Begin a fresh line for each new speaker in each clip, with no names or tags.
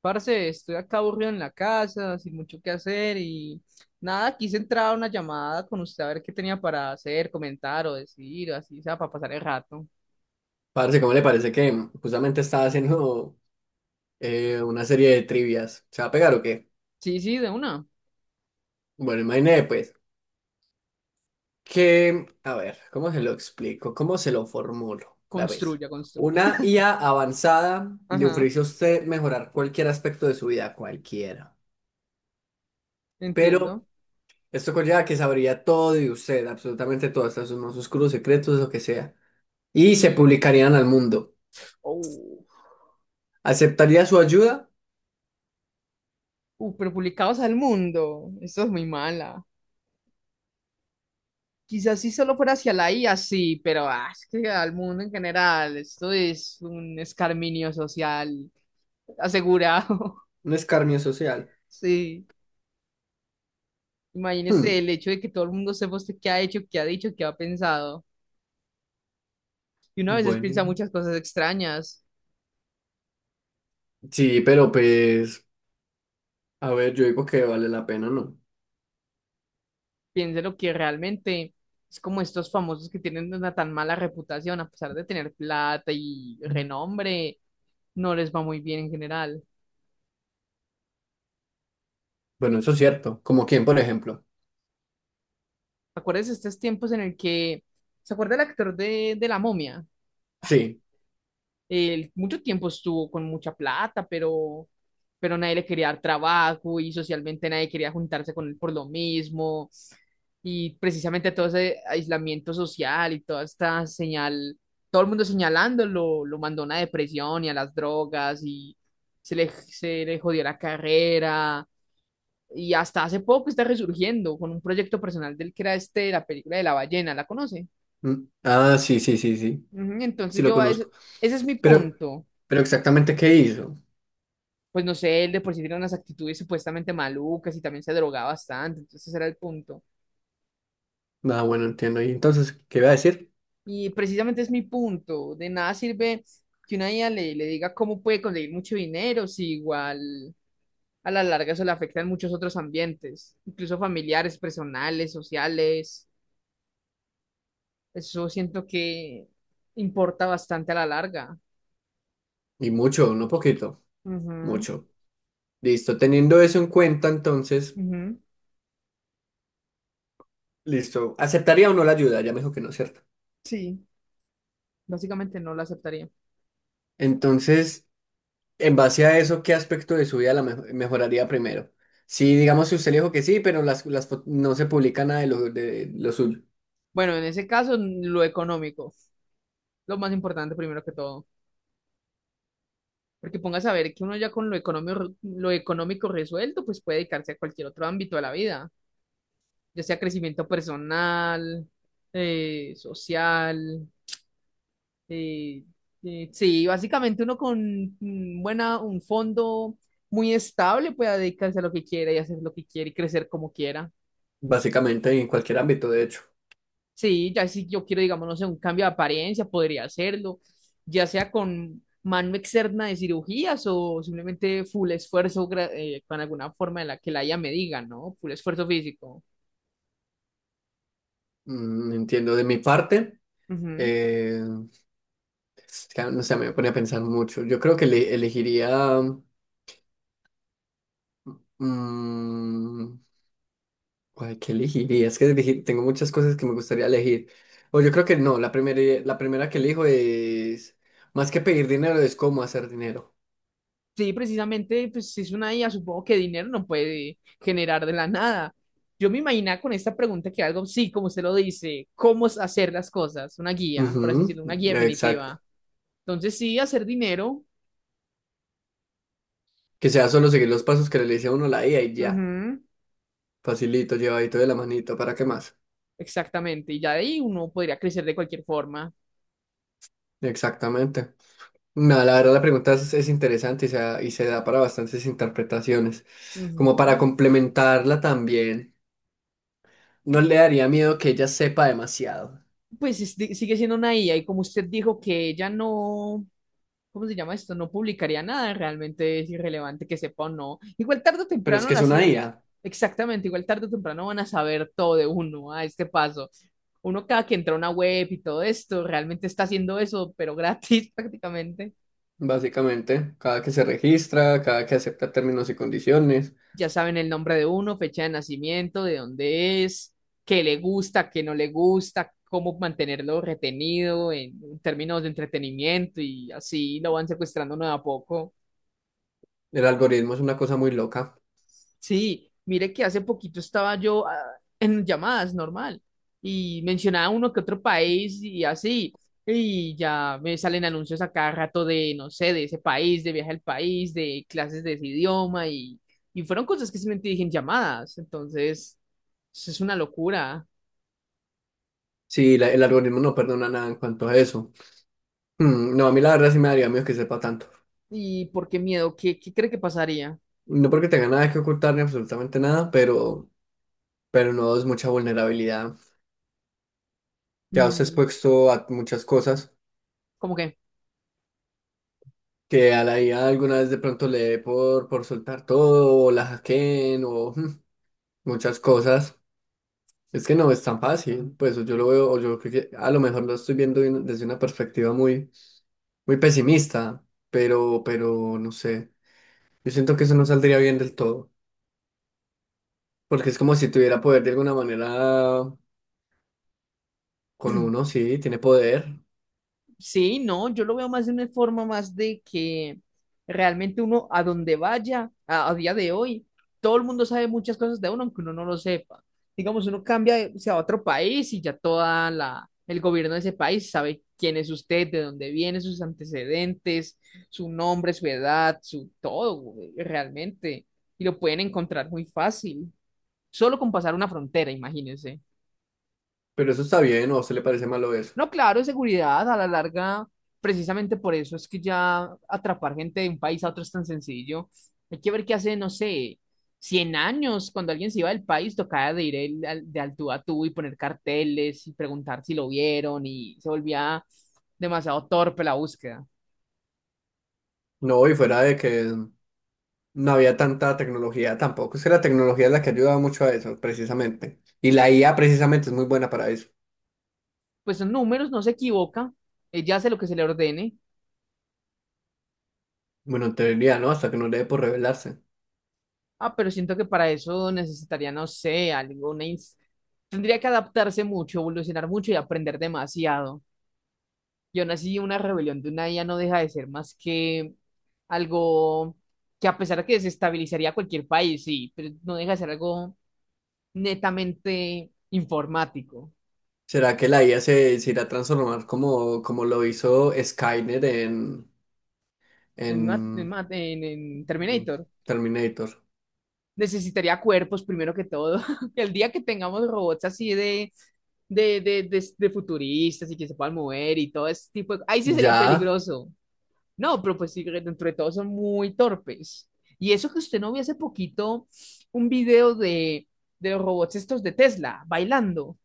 Parce, estoy acá aburrido en la casa, sin mucho que hacer y nada, quise entrar a una llamada con usted a ver qué tenía para hacer, comentar o decir, o así, o sea, para pasar el rato.
Parce, ¿cómo le parece que justamente estaba haciendo una serie de trivias? ¿Se va a pegar o qué?
Sí, sí, de una.
Bueno, imagínate pues que, a ver, ¿cómo se lo explico? ¿Cómo se lo formulo? La vez.
Construya, construya.
Una IA avanzada le
Ajá,
ofrece a usted mejorar cualquier aspecto de su vida, cualquiera. Pero
entiendo.
esto conlleva que sabría todo de usted, absolutamente todo, hasta sus más oscuros secretos, lo que sea. Y se
Y,
publicarían al mundo.
oh,
¿Aceptaría su ayuda?
pero publicados al mundo. Esto es muy mala. Quizás si solo fuera hacia la IA, sí, pero es que al mundo en general, esto es un escarminio social asegurado.
Un escarnio social.
Sí.
Hmm,
Imagínese el hecho de que todo el mundo sepa usted qué ha hecho, qué ha dicho, qué ha pensado. Y uno a veces
bueno.
piensa muchas cosas extrañas.
Sí, pero pues, a ver, yo digo que vale la pena, ¿no?
Piense lo que realmente es como estos famosos que tienen una tan mala reputación, a pesar de tener plata y renombre, no les va muy bien en general.
Bueno, eso es cierto. Como quién, por ejemplo.
Acuérdese de estos tiempos en el que, ¿se acuerda el actor de La Momia?
Sí.
Él mucho tiempo estuvo con mucha plata, pero nadie le quería dar trabajo y socialmente nadie quería juntarse con él por lo mismo. Y precisamente todo ese aislamiento social y toda esta señal, todo el mundo señalándolo, lo mandó a una depresión y a las drogas y se le jodió la carrera. Y hasta hace poco está resurgiendo con un proyecto personal del que era este, la película de la ballena, ¿la conoce?
Mm, ah, sí, sí, sí, sí.
Ujú.
Sí
Entonces
lo
yo, a
conozco.
ese es mi
Pero,
punto.
pero exactamente qué hizo.
Pues no sé, él de por sí tenía unas actitudes supuestamente malucas y también se drogaba bastante, entonces ese era el punto.
Ah, bueno, entiendo. Y entonces, ¿qué iba a decir?
Y precisamente es mi punto, de nada sirve que una IA le diga cómo puede conseguir mucho dinero si igual a la larga eso le afecta en muchos otros ambientes, incluso familiares, personales, sociales, eso siento que importa bastante a la larga.
Y mucho, no poquito,
Ujú,
mucho. Listo, teniendo eso en cuenta, entonces,
ujú.
listo. ¿Aceptaría o no la ayuda? Ya me dijo que no, ¿cierto?
Sí, básicamente no lo aceptaría.
Entonces, en base a eso, ¿qué aspecto de su vida la me- mejoraría primero? Si digamos si usted le dijo que sí, pero las fo- no se publica nada de lo, de lo suyo,
Bueno, en ese caso, lo económico, lo más importante primero que todo. Porque pongas a ver que uno ya con lo económico resuelto, pues puede dedicarse a cualquier otro ámbito de la vida, ya sea crecimiento personal, social. eh, sí, básicamente uno con buena, un fondo muy estable puede dedicarse a lo que quiera y hacer lo que quiera y crecer como quiera.
básicamente en cualquier ámbito, de hecho.
Sí, ya si yo quiero, digamos, no sé, un cambio de apariencia, podría hacerlo, ya sea con mano externa de cirugías o simplemente full esfuerzo con alguna forma en la que la IA me diga, ¿no? Full esfuerzo físico.
Mm, entiendo de mi parte.
Ujú.
eh, es que no sé, me pone a pensar mucho. Yo creo que le- elegiría... mm, ay, ¿qué elegiría? Es que elegir- tengo muchas cosas que me gustaría elegir. O yo creo que no, la primera que elijo es... Más que pedir dinero, es cómo hacer dinero.
Sí, precisamente, pues si es una IA, supongo que dinero no puede generar de la nada. Yo me imaginaba con esta pregunta que algo, sí, como usted lo dice, cómo es hacer las cosas, una guía, por así
Ujú,
decirlo, una guía
exacto.
definitiva. Entonces sí, hacer dinero.
Que sea solo seguir los pasos que le dice a uno la IA y ya.
Ujú.
Facilito, llevadito de la manito, ¿para qué más?
Exactamente, y ya de ahí uno podría crecer de cualquier forma.
Exactamente. Nada, la verdad la pregunta es interesante y se da para bastantes interpretaciones. Como para
Ujú.
complementarla también, no le daría miedo que ella sepa demasiado.
Pues sigue siendo una IA y como usted dijo que ella no, ¿cómo se llama esto? No publicaría nada, realmente es irrelevante que sepa o no. Igual tarde o
Pero es
temprano
que es
las
una
IAs,
IA,
exactamente, igual tarde o temprano van a saber todo de uno a este paso. Uno cada que entra a una web y todo esto, realmente está haciendo eso, pero gratis prácticamente.
básicamente. Cada que se registra, cada que acepta términos y condiciones.
Ya saben el nombre de uno, fecha de nacimiento, de dónde es, qué le gusta, qué no le gusta, cómo mantenerlo retenido en términos de entretenimiento y así lo van secuestrando uno de a poco.
El algoritmo es una cosa muy loca.
Sí, mire que hace poquito estaba yo en llamadas normal y mencionaba uno que otro país y así, y ya me salen anuncios a cada rato de, no sé, de ese país, de viaje al país, de clases de ese idioma y fueron cosas que simplemente dije en llamadas, entonces eso es una locura.
Sí, la- el algoritmo no perdona nada en cuanto a eso. Mm, no, a mí la verdad sí me daría miedo que sepa tanto.
¿Y por qué miedo? ¿Qué, qué cree que pasaría?
No porque tenga nada que ocultar ni absolutamente nada, pero no es mucha vulnerabilidad. Ya os he
Mm,
expuesto a muchas cosas
¿cómo que?
que a la IA alguna vez de pronto le dé por soltar todo, o la hackeen, o muchas cosas. Es que no es tan fácil, pues yo lo veo, o yo creo que a lo mejor lo estoy viendo de una- desde una perspectiva muy, muy pesimista, pero no sé. Yo siento que eso no saldría bien del todo, porque es como si tuviera poder de alguna manera con uno, sí, tiene poder.
Sí, no, yo lo veo más de una forma más de que realmente uno a donde vaya, a día de hoy, todo el mundo sabe muchas cosas de uno, aunque uno no lo sepa. Digamos, uno cambia, se va a otro país y ya toda la, el gobierno de ese país sabe quién es usted, de dónde viene, sus antecedentes, su nombre, su edad, su todo, güey, realmente. Y lo pueden encontrar muy fácil, solo con pasar una frontera, imagínense.
Pero eso está bien, ¿o a usted le parece malo eso?
No, claro, seguridad a la larga, precisamente por eso es que ya atrapar gente de un país a otro es tan sencillo. Hay que ver qué hace, no sé, 100 años, cuando alguien se iba del país, tocaba de ir el- al- de al tú a tú y poner carteles y preguntar si lo vieron y se volvía demasiado torpe la búsqueda.
No, y fuera de que no había tanta tecnología tampoco. Es que la tecnología es la que ayudaba mucho a eso, precisamente. Y la IA precisamente es muy buena para eso.
Pues son números, no se equivoca, ella hace lo que se le ordene.
Bueno, en teoría, ¿no? Hasta que no le dé por revelarse.
Ah, pero siento que para eso necesitaría, no sé, alguna... Tendría que adaptarse mucho, evolucionar mucho y aprender demasiado. Yo nací una rebelión de una IA no deja de ser más que algo que a pesar de que desestabilizaría cualquier país, sí, pero no deja de ser algo netamente informático.
¿Será que la IA se, se irá a transformar como, como lo hizo Skynet
En, ma- en
en
ma- en- en
mm,
Terminator
Terminator?
necesitaría cuerpos primero que todo. El día que tengamos robots así de, de futuristas y que se puedan mover y todo ese tipo de... Ahí sí sería
Ya,
peligroso. No, pero pues sí, dentro de todo son muy torpes. Y eso que usted no vio hace poquito un video de los robots estos de Tesla bailando.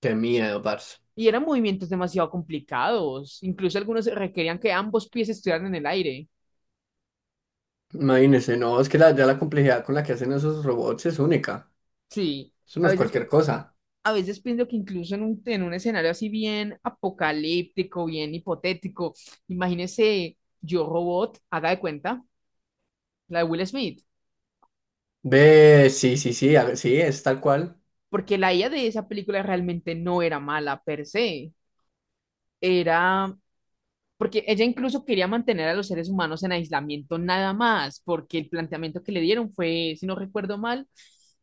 qué miedo, parce.
Y eran movimientos demasiado complicados. Incluso algunos requerían que ambos pies estuvieran en el aire.
Imagínese, no, es que la- ya la complejidad con la que hacen esos robots es única.
Sí,
Eso no
a
es
veces,
cualquier cosa.
a veces pienso que incluso en un escenario así bien apocalíptico, bien hipotético, imagínese Yo Robot, haga de cuenta, la de Will Smith.
Ve, sí, sí, sí, a- sí, es tal cual,
Porque la IA de esa película realmente no era mala per se. Era porque ella incluso quería mantener a los seres humanos en aislamiento nada más, porque el planteamiento que le dieron fue, si no recuerdo mal,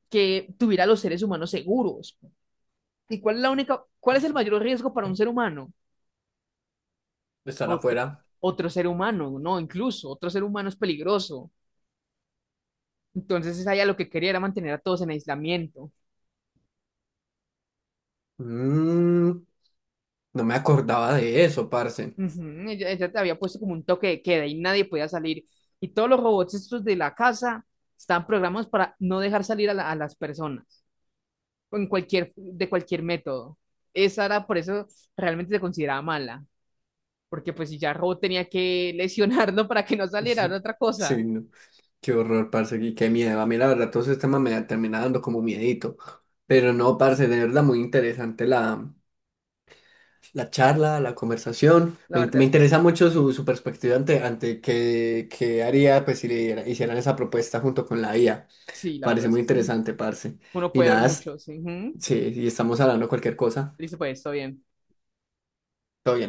que tuviera a los seres humanos seguros. ¿Y cuál es la única, cuál es el mayor riesgo para un ser humano?
estar
Otro,
afuera.
otro ser humano, no, incluso otro ser humano es peligroso. Entonces ella lo que quería era mantener a todos en aislamiento.
Mm, no me acordaba de eso, parce.
Ujú. Ella te había puesto como un toque de queda y nadie podía salir. Y todos los robots estos de la casa están programados para no dejar salir a a las personas en cualquier, de cualquier método. Esa era por eso realmente se consideraba mala, porque pues si ya Robo tenía que lesionarlo para que no saliera era otra cosa.
Sí, no, qué horror, parce, y qué miedo. A mí, la verdad, todo ese tema me termina dando como miedito. Pero no, parce, de verdad, muy interesante la, la charla, la conversación.
La
Me, in-
verdad
me
es que
interesa
sí,
mucho su, su perspectiva ante, ante qué, qué haría, pues, si le diera- hicieran esa propuesta junto con la IA.
sí, la verdad
Parece
es
muy
que
interesante, parce.
uno
Y
puede ver
nada, es-
mucho, sí. Ujú.
sí, y estamos hablando cualquier cosa.
Listo, pues, todo bien.
Todo bien.